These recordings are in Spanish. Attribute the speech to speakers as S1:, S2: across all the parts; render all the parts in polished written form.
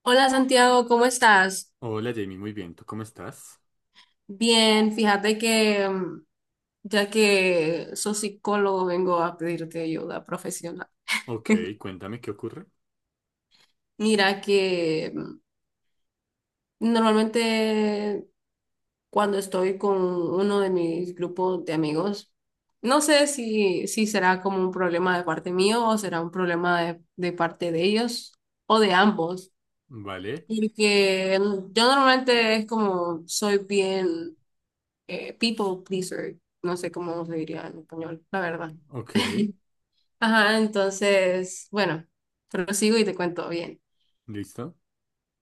S1: Hola Santiago, ¿cómo estás?
S2: Hola Jamie, muy bien, ¿tú cómo estás?
S1: Bien, fíjate que ya que soy psicólogo vengo a pedirte ayuda profesional.
S2: Ok, cuéntame qué ocurre.
S1: Mira que normalmente cuando estoy con uno de mis grupos de amigos, no sé si será como un problema de parte mío o será un problema de parte de ellos o de ambos,
S2: Vale,
S1: porque yo normalmente es como soy bien people pleaser, no sé cómo se diría en español, la verdad.
S2: ok,
S1: Ajá, entonces, bueno, prosigo y te cuento bien.
S2: listo,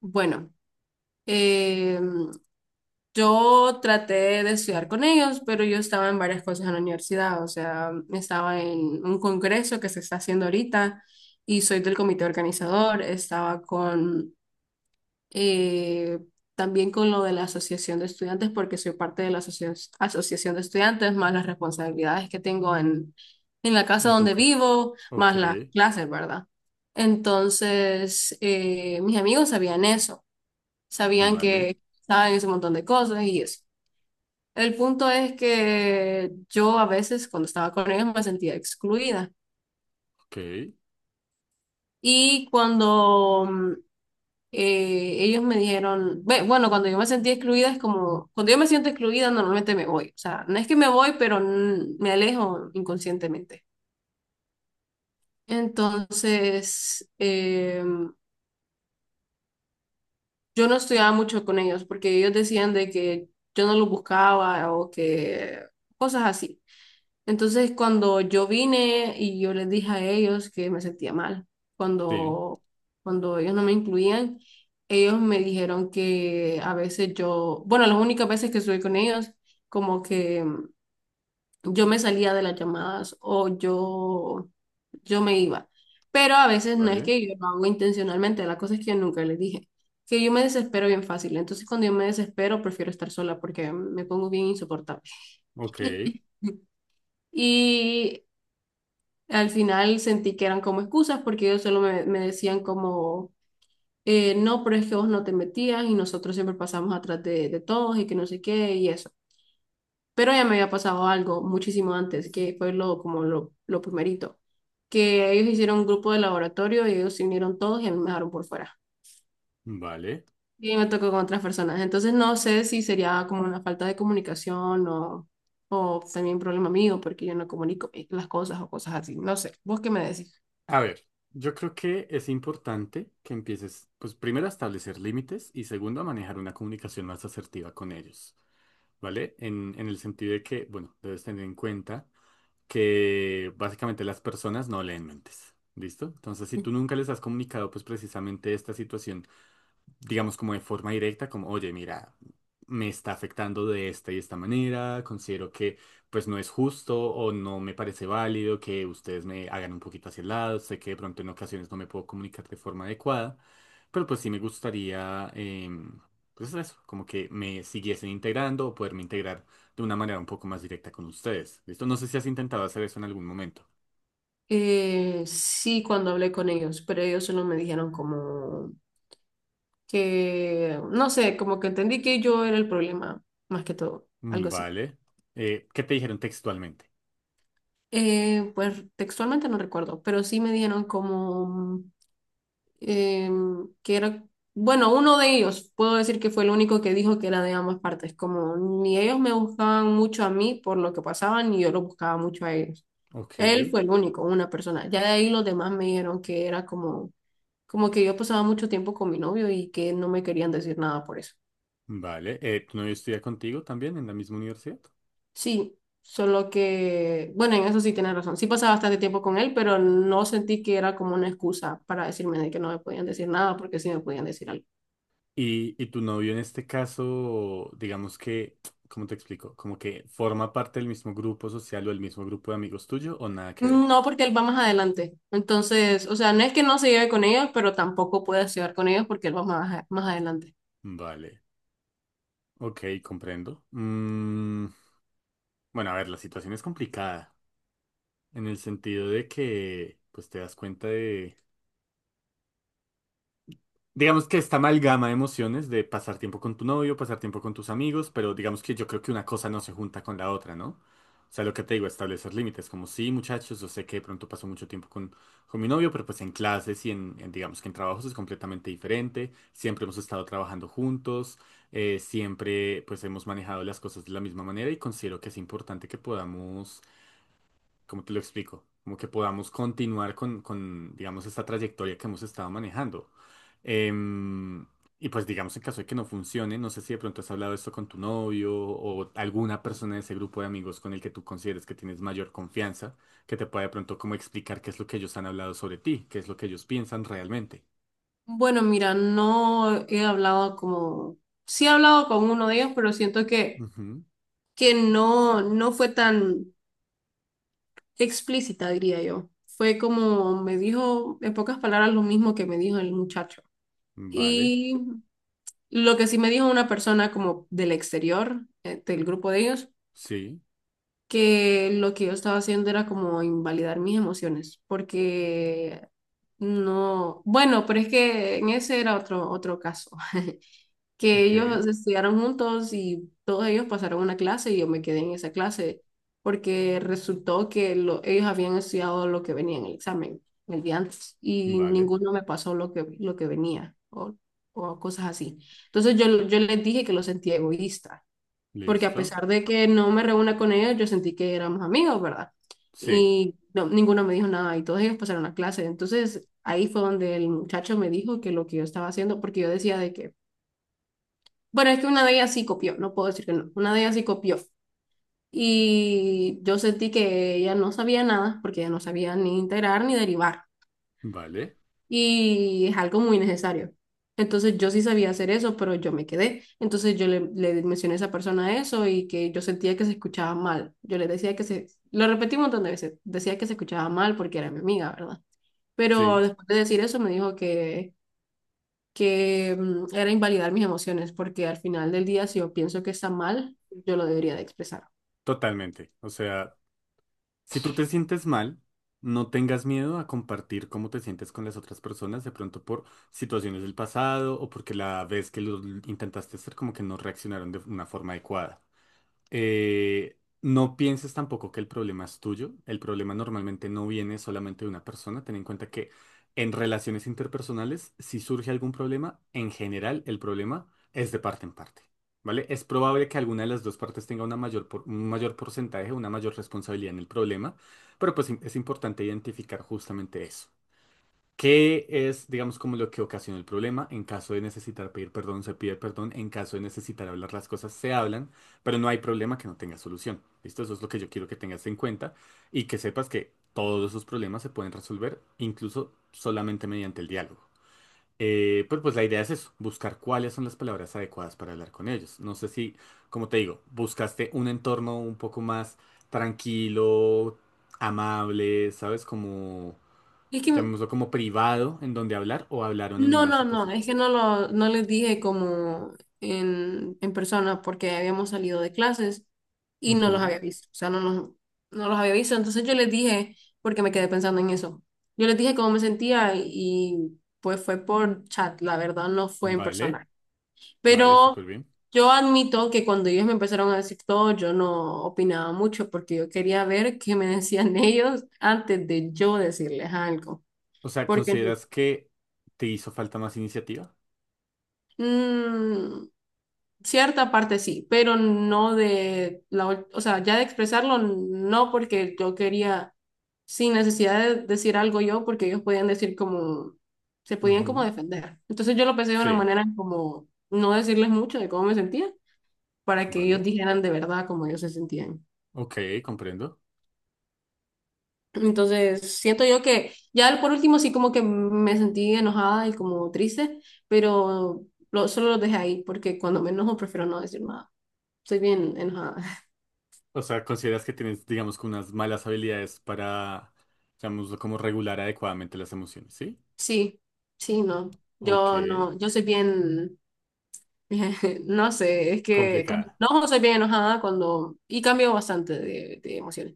S1: Bueno, eh, yo traté de estudiar con ellos, pero yo estaba en varias cosas en la universidad, o sea, estaba en un congreso que se está haciendo ahorita y soy del comité organizador, estaba con eh, también con lo de la asociación de estudiantes, porque soy parte de la asociación de estudiantes, más las responsabilidades que tengo en la casa
S2: a
S1: donde
S2: tocar.
S1: vivo,
S2: Ok,
S1: más las clases, ¿verdad? Entonces, mis amigos sabían eso, sabían
S2: vale,
S1: que saben ese montón de cosas y eso. El punto es que yo a veces cuando estaba con ellos me sentía excluida.
S2: ok,
S1: Y cuando ellos me dijeron, "Ve, bueno, cuando yo me sentí excluida es como, cuando yo me siento excluida normalmente me voy, o sea, no es que me voy, pero me alejo inconscientemente. Entonces, yo no estudiaba mucho con ellos porque ellos decían de que yo no los buscaba o que cosas así. Entonces, cuando yo vine y yo les dije a ellos que me sentía mal,
S2: sí,
S1: cuando, cuando ellos no me incluían, ellos me dijeron que a veces yo, bueno, las únicas veces que estuve con ellos, como que yo me salía de las llamadas o yo me iba. Pero a veces no es
S2: vale,
S1: que yo lo hago intencionalmente, la cosa es que yo nunca les dije, que yo me desespero bien fácil. Entonces, cuando yo me desespero, prefiero estar sola porque me pongo bien insoportable.
S2: ok,
S1: Y al final sentí que eran como excusas porque ellos solo me decían como, no, pero es que vos no te metías y nosotros siempre pasamos atrás de todos y que no sé qué y eso. Pero ya me había pasado algo muchísimo antes, que fue lo, como lo primerito, que ellos hicieron un grupo de laboratorio y ellos se unieron todos y a mí me dejaron por fuera.
S2: vale.
S1: Y me tocó con otras personas. Entonces no sé si sería como una falta de comunicación o también problema mío porque yo no comunico las cosas o cosas así. No sé, vos qué me decís.
S2: A ver, yo creo que es importante que empieces, pues primero a establecer límites y segundo a manejar una comunicación más asertiva con ellos, ¿vale? En el sentido de que, bueno, debes tener en cuenta que básicamente las personas no leen mentes. ¿Listo? Entonces, si tú nunca les has comunicado, pues precisamente esta situación digamos, como de forma directa, como, oye, mira, me está afectando de esta y esta manera, considero que pues no es justo o no me parece válido que ustedes me hagan un poquito hacia el lado, sé que de pronto en ocasiones no me puedo comunicar de forma adecuada, pero pues sí me gustaría, pues eso, como que me siguiesen integrando o poderme integrar de una manera un poco más directa con ustedes. ¿Listo? No sé si has intentado hacer eso en algún momento.
S1: Sí, cuando hablé con ellos, pero ellos solo me dijeron como que, no sé, como que entendí que yo era el problema, más que todo, algo así.
S2: Vale. ¿Qué te dijeron textualmente?
S1: Pues textualmente no recuerdo, pero sí me dijeron como que era, bueno, uno de ellos, puedo decir que fue el único que dijo que era de ambas partes, como ni ellos me buscaban mucho a mí por lo que pasaban, ni yo lo buscaba mucho a ellos.
S2: Ok.
S1: Él fue el único, una persona. Ya de ahí los demás me dijeron que era como como que yo pasaba mucho tiempo con mi novio y que no me querían decir nada por eso.
S2: Vale, ¿tu novio estudia contigo también en la misma universidad?
S1: Sí, solo que, bueno, en eso sí tienes razón. Sí pasaba bastante tiempo con él, pero no sentí que era como una excusa para decirme de que no me podían decir nada porque sí me podían decir algo.
S2: Y tu novio en este caso, digamos que, ¿cómo te explico? Como que forma parte del mismo grupo social o del mismo grupo de amigos tuyo o nada que ver.
S1: No, porque él va más adelante. Entonces, o sea, no es que no se lleve con ellos, pero tampoco puedes llevar con ellos porque él va más, más adelante.
S2: Vale, ok, comprendo. Bueno, a ver, la situación es complicada en el sentido de que, pues te das cuenta. Digamos que esta amalgama de emociones de pasar tiempo con tu novio, pasar tiempo con tus amigos, pero digamos que yo creo que una cosa no se junta con la otra, ¿no? O sea, lo que te digo, establecer límites, como sí, muchachos, yo sé que de pronto paso mucho tiempo con mi novio, pero pues en clases y en digamos que en trabajos es completamente diferente, siempre hemos estado trabajando juntos, siempre pues hemos manejado las cosas de la misma manera y considero que es importante que podamos. ¿Cómo te lo explico? Como que podamos continuar con, digamos, esta trayectoria que hemos estado manejando. Em, y pues, digamos, en caso de que no funcione, no sé si de pronto has hablado esto con tu novio o alguna persona de ese grupo de amigos con el que tú consideres que tienes mayor confianza, que te pueda de pronto como explicar qué es lo que ellos han hablado sobre ti, qué es lo que ellos piensan realmente.
S1: Bueno, mira, no he hablado como... Sí he hablado con uno de ellos, pero siento
S2: Ujú,
S1: que no, no fue tan... explícita, diría yo. Fue como me dijo, en pocas palabras, lo mismo que me dijo el muchacho.
S2: vale,
S1: Y lo que sí me dijo una persona como del exterior, del grupo de ellos,
S2: sí,
S1: que lo que yo estaba haciendo era como invalidar mis emociones, porque no, bueno, pero es que en ese era otro, otro caso. Que
S2: ok,
S1: ellos estudiaron juntos y todos ellos pasaron una clase y yo me quedé en esa clase porque resultó que ellos habían estudiado lo que venía en el examen el día antes y
S2: vale,
S1: ninguno me pasó lo que venía o cosas así. Entonces yo les dije que lo sentía egoísta porque a
S2: listo,
S1: pesar de que no me reúna con ellos, yo sentí que éramos amigos, ¿verdad?
S2: sí,
S1: Y ninguno me dijo nada y todos ellos pasaron la clase. Entonces ahí fue donde el muchacho me dijo que lo que yo estaba haciendo, porque yo decía de que bueno, es que una de ellas sí copió, no puedo decir que no, una de ellas sí copió. Y yo sentí que ella no sabía nada, porque ella no sabía ni integrar ni derivar.
S2: vale,
S1: Y es algo muy necesario. Entonces yo sí sabía hacer eso, pero yo me quedé. Entonces yo le mencioné a esa persona eso y que yo sentía que se escuchaba mal. Yo le decía que se, lo repetí un montón de veces, decía que se escuchaba mal porque era mi amiga, ¿verdad? Pero
S2: sí,
S1: después de decir eso me dijo que era invalidar mis emociones, porque al final del día, si yo pienso que está mal, yo lo debería de expresar.
S2: totalmente. O sea, si tú te sientes mal, no tengas miedo a compartir cómo te sientes con las otras personas, de pronto por situaciones del pasado o porque la vez que lo intentaste hacer como que no reaccionaron de una forma adecuada. No pienses tampoco que el problema es tuyo. El problema normalmente no viene solamente de una persona. Ten en cuenta que en relaciones interpersonales, si surge algún problema, en general el problema es de parte en parte. ¿Vale? Es probable que alguna de las dos partes tenga una mayor un mayor porcentaje, una mayor responsabilidad en el problema, pero pues es importante identificar justamente eso. ¿Qué es, digamos, como lo que ocasiona el problema? En caso de necesitar pedir perdón, se pide perdón. En caso de necesitar hablar las cosas, se hablan, pero no hay problema que no tenga solución. ¿Listo? Eso es lo que yo quiero que tengas en cuenta y que sepas que todos esos problemas se pueden resolver incluso solamente mediante el diálogo. Pero pues la idea es eso, buscar cuáles son las palabras adecuadas para hablar con ellos. No sé si, como te digo, buscaste un entorno un poco más tranquilo, amable, ¿sabes? Como
S1: Es que,
S2: llamémoslo como privado, en donde hablar o hablaron en
S1: no,
S2: una
S1: no, no,
S2: situación.
S1: es que no lo, no les dije como en persona, porque habíamos salido de clases y no los había
S2: Ujú,
S1: visto, o sea, no los, no los había visto, entonces yo les dije, porque me quedé pensando en eso, yo les dije cómo me sentía y pues fue por chat, la verdad, no fue en
S2: vale,
S1: persona.
S2: vale,
S1: Pero
S2: súper bien.
S1: yo admito que cuando ellos me empezaron a decir todo, yo no opinaba mucho porque yo quería ver qué me decían ellos antes de yo decirles algo.
S2: O sea,
S1: Porque
S2: ¿consideras que te hizo falta más iniciativa?
S1: mm, cierta parte sí, pero no de la, o sea, ya de expresarlo, no porque yo quería, sin necesidad de decir algo yo, porque ellos podían decir como, se podían como
S2: Ujú,
S1: defender. Entonces yo lo pensé de una
S2: sí,
S1: manera como no decirles mucho de cómo me sentía, para que ellos
S2: vale.
S1: dijeran de verdad cómo ellos se sentían.
S2: Ok, comprendo.
S1: Entonces, siento yo que ya por último sí como que me sentí enojada y como triste, pero solo lo dejé ahí porque cuando me enojo prefiero no decir nada. Soy bien enojada.
S2: O sea, ¿consideras que tienes, digamos, que unas malas habilidades para, llamémoslo como regular adecuadamente las emociones, ¿sí?
S1: Sí, sí, no.
S2: Ok,
S1: Yo no, yo soy bien, no sé, es que cuando
S2: complicada.
S1: me enojo soy bien enojada cuando, y cambio bastante de emociones.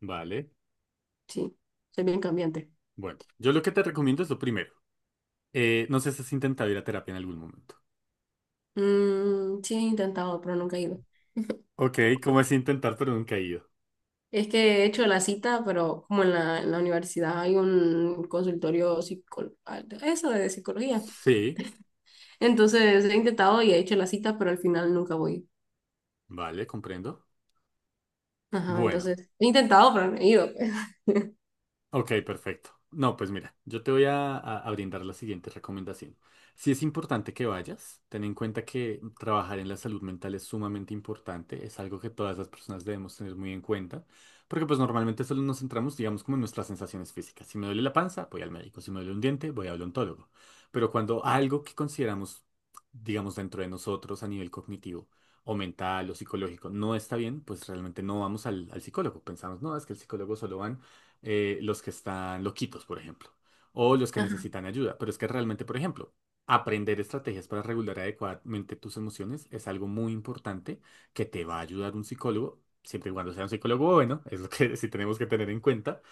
S2: Vale.
S1: Sí, soy bien cambiante.
S2: Bueno, yo lo que te recomiendo es lo primero. No sé si has intentado ir a terapia en algún momento.
S1: Mm, sí, he intentado, pero nunca he ido.
S2: Ok, ¿cómo es intentar pero nunca he ido?
S1: Es que he hecho la cita, pero como en la universidad hay un consultorio psicol ah, eso de psicología.
S2: Sí.
S1: Entonces he intentado y he hecho la cita, pero al final nunca voy.
S2: Vale, comprendo.
S1: Ajá,
S2: Bueno,
S1: entonces he intentado, pero no he ido, pues.
S2: ok, perfecto. No, pues mira, yo te voy a, a brindar la siguiente recomendación. Si es importante que vayas, ten en cuenta que trabajar en la salud mental es sumamente importante, es algo que todas las personas debemos tener muy en cuenta, porque pues normalmente solo nos centramos, digamos, como en nuestras sensaciones físicas. Si me duele la panza, voy al médico, si me duele un diente, voy al odontólogo. Pero cuando algo que consideramos, digamos, dentro de nosotros a nivel cognitivo, o mental o psicológico no está bien, pues realmente no vamos al psicólogo. Pensamos, no, es que el psicólogo solo van los que están loquitos, por ejemplo, o los que
S1: Ajá.
S2: necesitan ayuda. Pero es que realmente, por ejemplo, aprender estrategias para regular adecuadamente tus emociones es algo muy importante que te va a ayudar un psicólogo, siempre y cuando sea un psicólogo bueno, es lo que sí tenemos que tener en cuenta,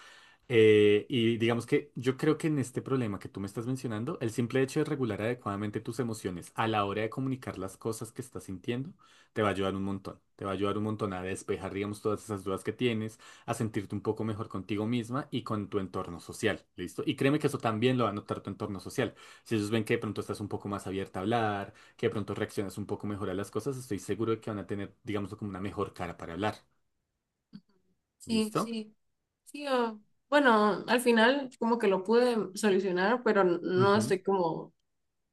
S2: y digamos que yo creo que en este problema que tú me estás mencionando, el simple hecho de regular adecuadamente tus emociones a la hora de comunicar las cosas que estás sintiendo, te va a ayudar un montón. Te va a ayudar un montón a despejar, digamos, todas esas dudas que tienes, a sentirte un poco mejor contigo misma y con tu entorno social, ¿listo? Y créeme que eso también lo va a notar tu entorno social. Si ellos ven que de pronto estás un poco más abierta a hablar, que de pronto reaccionas un poco mejor a las cosas, estoy seguro de que van a tener, digamos, como una mejor cara para hablar,
S1: Sí,
S2: ¿listo?
S1: sí, sí. Bueno, al final como que lo pude solucionar, pero no
S2: Ujú,
S1: estoy como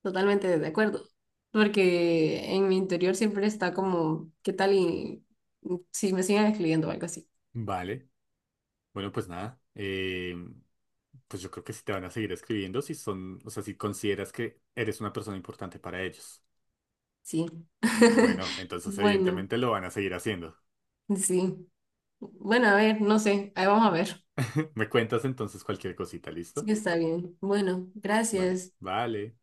S1: totalmente de acuerdo. Porque en mi interior siempre está como, ¿qué tal y si me siguen escribiendo o algo así?
S2: vale. Bueno, pues nada, pues yo creo que si te van a seguir escribiendo, si son, o sea, si consideras que eres una persona importante para ellos.
S1: Sí.
S2: Bueno, entonces
S1: Bueno.
S2: evidentemente lo van a seguir haciendo.
S1: Sí. Bueno, a ver, no sé. Ahí vamos a ver.
S2: Me cuentas entonces cualquier cosita,
S1: Sí,
S2: ¿listo?
S1: está bien. Bueno,
S2: Vale,
S1: gracias.
S2: vale.